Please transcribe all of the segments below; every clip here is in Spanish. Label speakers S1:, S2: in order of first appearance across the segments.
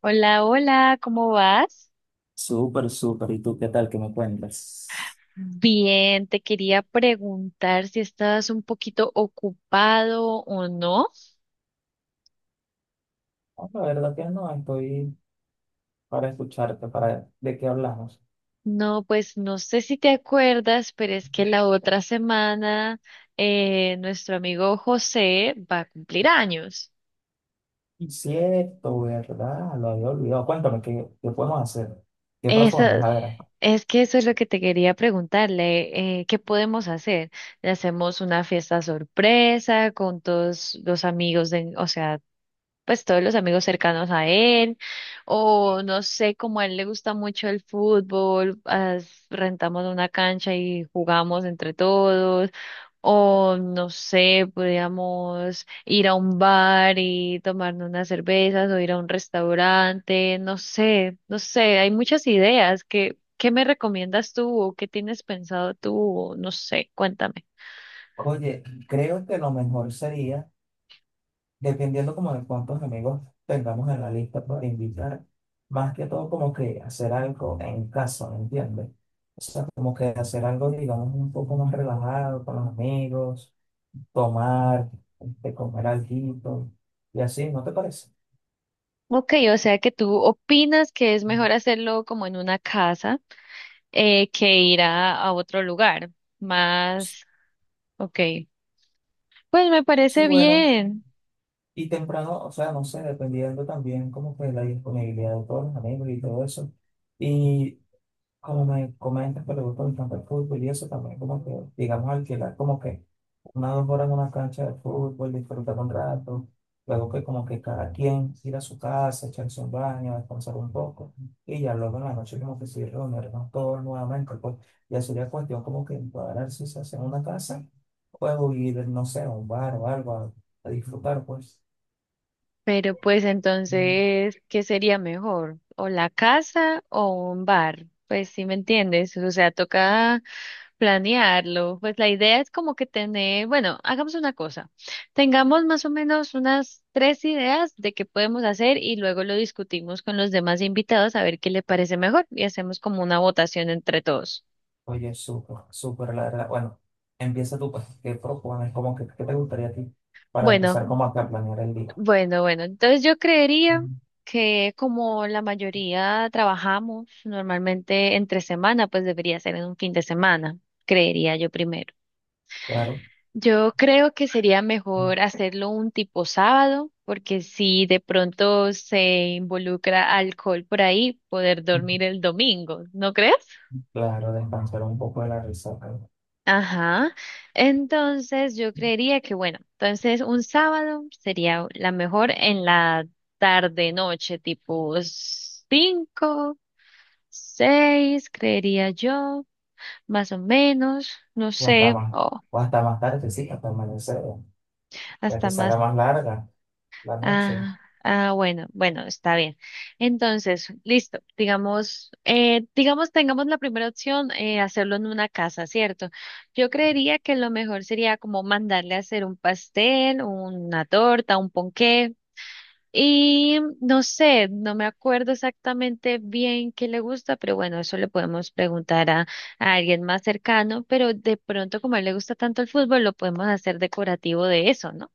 S1: Hola, hola, ¿cómo vas?
S2: Súper, súper. ¿Y tú qué tal? ¿Qué me cuentas?
S1: Bien, te quería preguntar si estabas un poquito ocupado o no.
S2: No, la verdad que no, estoy para escucharte, para de qué hablamos.
S1: No, pues no sé si te acuerdas, pero es que la otra semana nuestro amigo José va a cumplir años.
S2: Cierto, ¿verdad? Lo había olvidado. Cuéntame, ¿qué podemos hacer? ¿Qué
S1: Eso,
S2: propones? A ver.
S1: es que eso es lo que te quería preguntarle. ¿Qué podemos hacer? ¿Le hacemos una fiesta sorpresa con todos los amigos de, o sea, pues todos los amigos cercanos a él, o no sé, como a él le gusta mucho el fútbol, rentamos una cancha y jugamos entre todos, o no sé, podríamos ir a un bar y tomarnos unas cervezas o ir a un restaurante, no sé, no sé, hay muchas ideas. ¿Qué, qué me recomiendas tú o qué tienes pensado tú? O no sé, cuéntame.
S2: Oye, creo que lo mejor sería, dependiendo como de cuántos amigos tengamos en la lista para invitar, más que todo como que hacer algo en casa, ¿me entiendes? O sea, como que hacer algo, digamos, un poco más relajado con los amigos tomar, comer alguito y así, ¿no te parece?
S1: Ok, o sea que tú opinas que es mejor hacerlo como en una casa que ir a otro lugar, más, ok. Pues me parece
S2: Sí, bueno,
S1: bien,
S2: y temprano, o sea, no sé, dependiendo también como que la disponibilidad de todos los amigos y todo eso. Y como me comentas que le gusta bastante el fútbol y eso también, como que, digamos, alquilar como que unas 2 horas en una cancha de fútbol, disfrutar un rato, luego que como que cada quien ir a su casa, echarse un baño, descansar un poco, y ya luego en la noche como que sí reunirnos todos nuevamente, pues ya sería cuestión como que encuadrar si se hace en una casa, o ir, no sé, a un bar o algo a disfrutar, pues.
S1: pero pues
S2: Mm.
S1: entonces, ¿qué sería mejor? ¿O la casa o un bar? Pues sí me entiendes, o sea, toca planearlo. Pues la idea es como que tener, bueno, hagamos una cosa, tengamos más o menos unas tres ideas de qué podemos hacer y luego lo discutimos con los demás invitados a ver qué le parece mejor y hacemos como una votación entre todos.
S2: Oye, súper, súper, la verdad. Bueno, empieza tú, pues, ¿qué propones? Como que, ¿qué te gustaría a ti para
S1: Bueno.
S2: empezar como acá a planear el día?
S1: Bueno, bueno, entonces yo creería
S2: Mm.
S1: que como la mayoría trabajamos normalmente entre semana, pues debería ser en un fin de semana, creería yo primero.
S2: Claro.
S1: Yo creo que sería mejor hacerlo un tipo sábado, porque si de pronto se involucra alcohol por ahí, poder dormir el domingo, ¿no crees?
S2: Claro, descansar un poco de la resaca.
S1: Ajá. Entonces yo creería que, bueno, entonces un sábado sería la mejor en la tarde noche, tipo 5, 6, creería yo, más o menos, no
S2: O hasta
S1: sé,
S2: más,
S1: o
S2: o hasta más tarde, sí, hasta amanecer, ya
S1: hasta
S2: que se
S1: más.
S2: haga más larga la noche.
S1: Ah, ah, bueno, bueno, está bien. Entonces, listo. Digamos, digamos, tengamos la primera opción, hacerlo en una casa, ¿cierto? Yo creería que lo mejor sería como mandarle a hacer un pastel, una torta, un ponqué. Y no sé, no me acuerdo exactamente bien qué le gusta, pero bueno, eso le podemos preguntar a alguien más cercano, pero de pronto como a él le gusta tanto el fútbol, lo podemos hacer decorativo de eso, ¿no?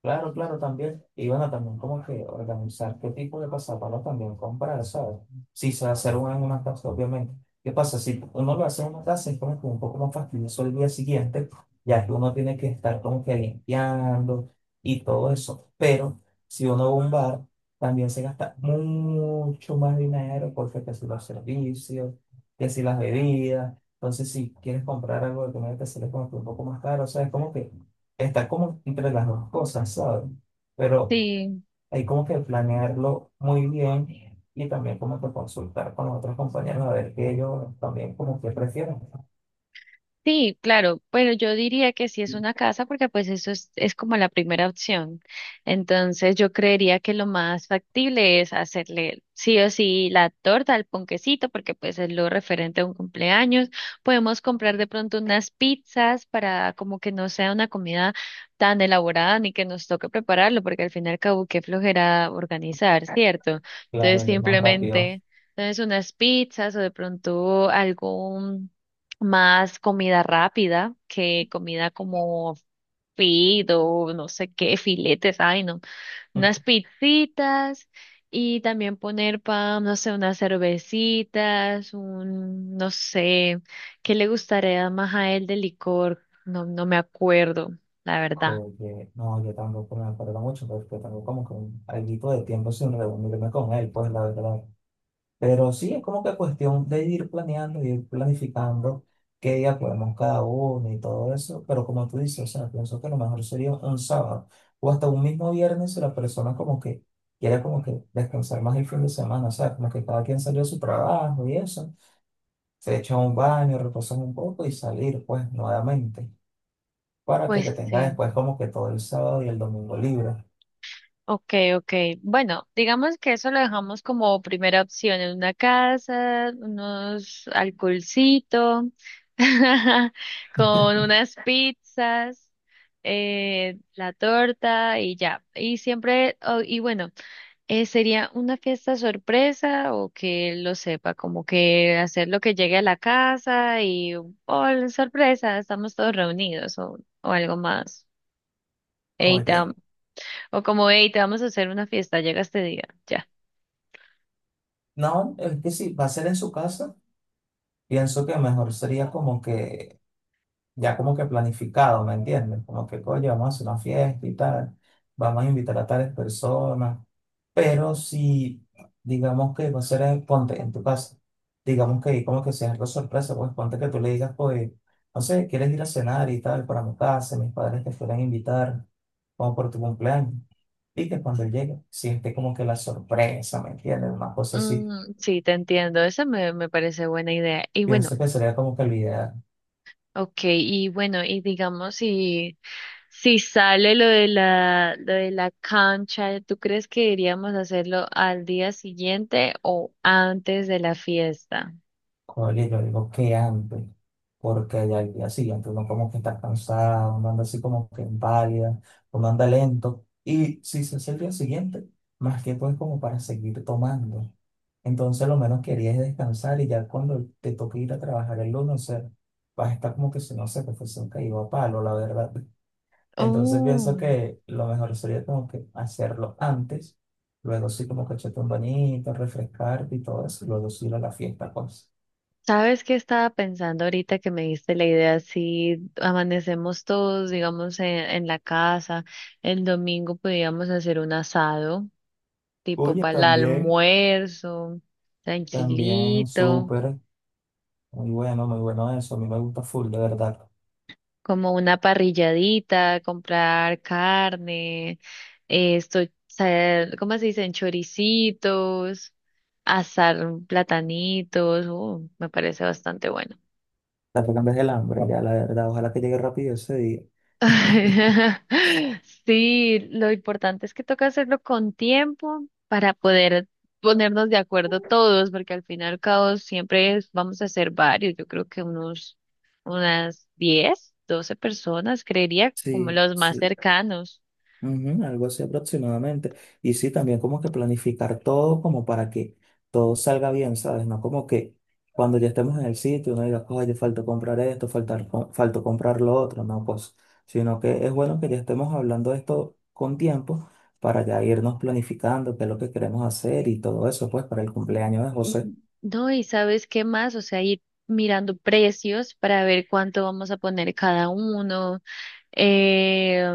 S2: Claro, claro, también. Y bueno, también como que organizar qué tipo de pasapalos también comprar, ¿sabes? Si se va a hacer una en una casa, obviamente. ¿Qué pasa? Si uno lo hace en una casa, es como que un poco más fastidioso el día siguiente, ya que uno tiene que estar como que limpiando y todo eso. Pero si uno va a un bar, también se gasta mucho más dinero, porque que si los servicios, que si las bebidas. Entonces, si quieres comprar algo de comida, te sale como que un poco más caro, ¿sabes? Como que está como entre las dos cosas, ¿sabes? Pero
S1: Sí,
S2: hay como que planearlo muy bien y también como que consultar con los otros compañeros a ver qué ellos también como que prefieren.
S1: sí, claro, pero yo diría que sí es una casa porque pues eso es como la primera opción. Entonces yo creería que lo más factible es hacerle sí o sí la torta, el ponquecito, porque pues es lo referente a un cumpleaños. Podemos comprar de pronto unas pizzas para como que no sea una comida tan elaborada ni que nos toque prepararlo, porque al fin y al cabo qué flojera organizar, ¿cierto? Entonces
S2: Claro, y es más rápido.
S1: simplemente... Entonces unas pizzas o de pronto algún más comida rápida que comida como fido, no sé qué, filetes, ay no, unas pizzitas y también poner pan, no sé, unas cervecitas, un, no sé, ¿qué le gustaría más a él de licor? No, no me acuerdo, la verdad.
S2: Oye, no, yo tampoco me acuerdo mucho porque tengo como que un alguito de tiempo sin reunirme con él, pues la verdad. Pero sí, es como que cuestión de ir planeando, ir planificando qué día podemos cada uno y todo eso. Pero como tú dices, o sea, pienso que lo mejor sería un sábado o hasta un mismo viernes si la persona como que quiere como que descansar más el fin de semana. O sea, como que cada quien salió de su trabajo y eso. Se echa un baño, reposa un poco y salir pues nuevamente para que te
S1: Pues
S2: tenga
S1: sí.
S2: después como que todo el sábado y el domingo libre.
S1: Ok, ok. Bueno, digamos que eso lo dejamos como primera opción en una casa, unos alcoholcito, con unas pizzas, la torta y ya. Y siempre, oh, y bueno, sería una fiesta sorpresa o que él lo sepa, como que hacer lo que llegue a la casa y, oh, sorpresa, estamos todos reunidos o algo más. Eita,
S2: Oye,
S1: o como, hey, te vamos a hacer una fiesta, llega este día, ya.
S2: no, es que si va a ser en su casa, pienso que mejor sería como que ya como que planificado, ¿me entiendes? Como que, coño, vamos a hacer una fiesta y tal, vamos a invitar a tales personas, pero si, digamos que va a ser en, ponte, en tu casa, digamos que como que sea algo sorpresa, pues ponte que tú le digas, pues, no sé, quieres ir a cenar y tal, para mi casa, mis padres te fueran a invitar, como por tu cumpleaños, y que cuando él llegue, siente como que la sorpresa, ¿me entiendes? Una cosa así,
S1: Mm, sí, te entiendo, esa me, me parece buena idea. Y bueno,
S2: pienso que sería como que la idea.
S1: ok, y bueno, y digamos, si, si sale lo de la cancha, ¿tú crees que iríamos a hacerlo al día siguiente o antes de la fiesta?
S2: Oye, yo digo que antes, porque ya el día siguiente uno como que está cansado, uno anda así como que inválida, uno anda lento. Y si se hace el día siguiente, más tiempo es como para seguir tomando. Entonces lo menos quería es descansar y ya cuando te toque ir a trabajar el lunes, o sea, vas a estar como que si no se te fuese un caído a palo, la verdad. Entonces pienso
S1: Oh,
S2: que lo mejor sería como que hacerlo antes, luego sí como que echarte un bañito, refrescarte y todo eso, y luego sí ir a la fiesta, pues.
S1: ¿sabes qué estaba pensando ahorita que me diste la idea? Si amanecemos todos, digamos, en la casa, el domingo podríamos hacer un asado. Tipo
S2: Oye,
S1: para el
S2: también,
S1: almuerzo,
S2: también
S1: tranquilito,
S2: súper, muy bueno, muy bueno eso. A mí me gusta full, de verdad.
S1: como una parrilladita, comprar carne, esto, ¿cómo se dicen? Choricitos, asar platanitos, me parece bastante bueno.
S2: La que cambias el hambre, ya, la verdad. Ojalá que llegue rápido ese día.
S1: Sí, lo importante es que toca hacerlo con tiempo para poder ponernos de acuerdo todos, porque al final, y al cabo siempre vamos a hacer varios, yo creo que unos, unas 10, 12 personas, creería, como
S2: Sí,
S1: los más
S2: sí.
S1: cercanos.
S2: Ujú, algo así aproximadamente. Y sí, también como que planificar todo como para que todo salga bien, ¿sabes? No como que cuando ya estemos en el sitio uno diga, oye, falta comprar esto, falta comprar lo otro, no, pues, sino que es bueno que ya estemos hablando de esto con tiempo para ya irnos planificando qué es lo que queremos hacer y todo eso, pues, para el cumpleaños de José.
S1: No, y sabes qué más, o sea, ir mirando precios para ver cuánto vamos a poner cada uno. Eh,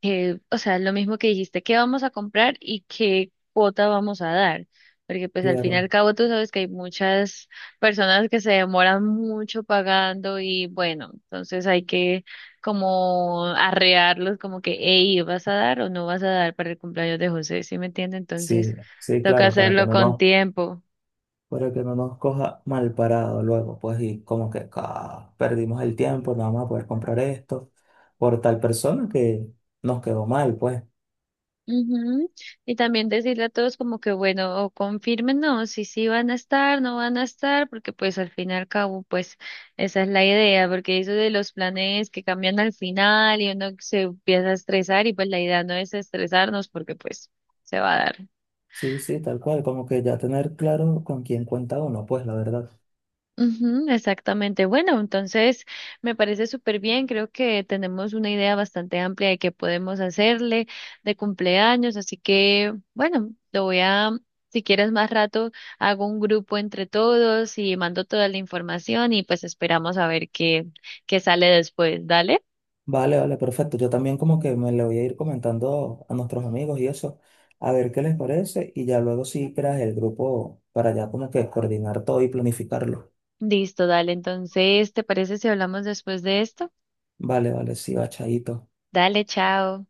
S1: que, o sea, lo mismo que dijiste, qué vamos a comprar y qué cuota vamos a dar. Porque pues al fin y
S2: Claro,
S1: al cabo tú sabes que hay muchas personas que se demoran mucho pagando y bueno, entonces hay que como arrearlos como que, hey, ¿vas a dar o no vas a dar para el cumpleaños de José? ¿Sí me entiende? Entonces
S2: sí, sí,
S1: toca
S2: claro,
S1: hacerlo con tiempo.
S2: para que no nos coja mal parado luego, pues y como que "Ah, perdimos el tiempo, no vamos a poder comprar esto por tal persona que nos quedó mal, pues.
S1: Ujú. Y también decirle a todos como que bueno, o confírmenos si sí van a estar, no van a estar, porque pues al fin y al cabo pues esa es la idea, porque eso de los planes que cambian al final y uno se empieza a estresar y pues la idea no es estresarnos porque pues se va a dar.
S2: Sí, sí, tal cual, como que ya tener claro con quién cuenta uno, pues la verdad.
S1: Ujú, exactamente. Bueno, entonces me parece súper bien. Creo que tenemos una idea bastante amplia de qué podemos hacerle de cumpleaños. Así que, bueno, lo voy a, si quieres más rato, hago un grupo entre todos y mando toda la información y pues esperamos a ver qué, qué sale después. Dale.
S2: Vale, vale, perfecto. Yo también como que me le voy a ir comentando a nuestros amigos y eso, a ver qué les parece y ya luego sí creas el grupo para ya como que coordinar todo y planificarlo.
S1: Listo, dale. Entonces, ¿te parece si hablamos después de esto?
S2: Vale, vale, sí, va, chaito.
S1: Dale, chao.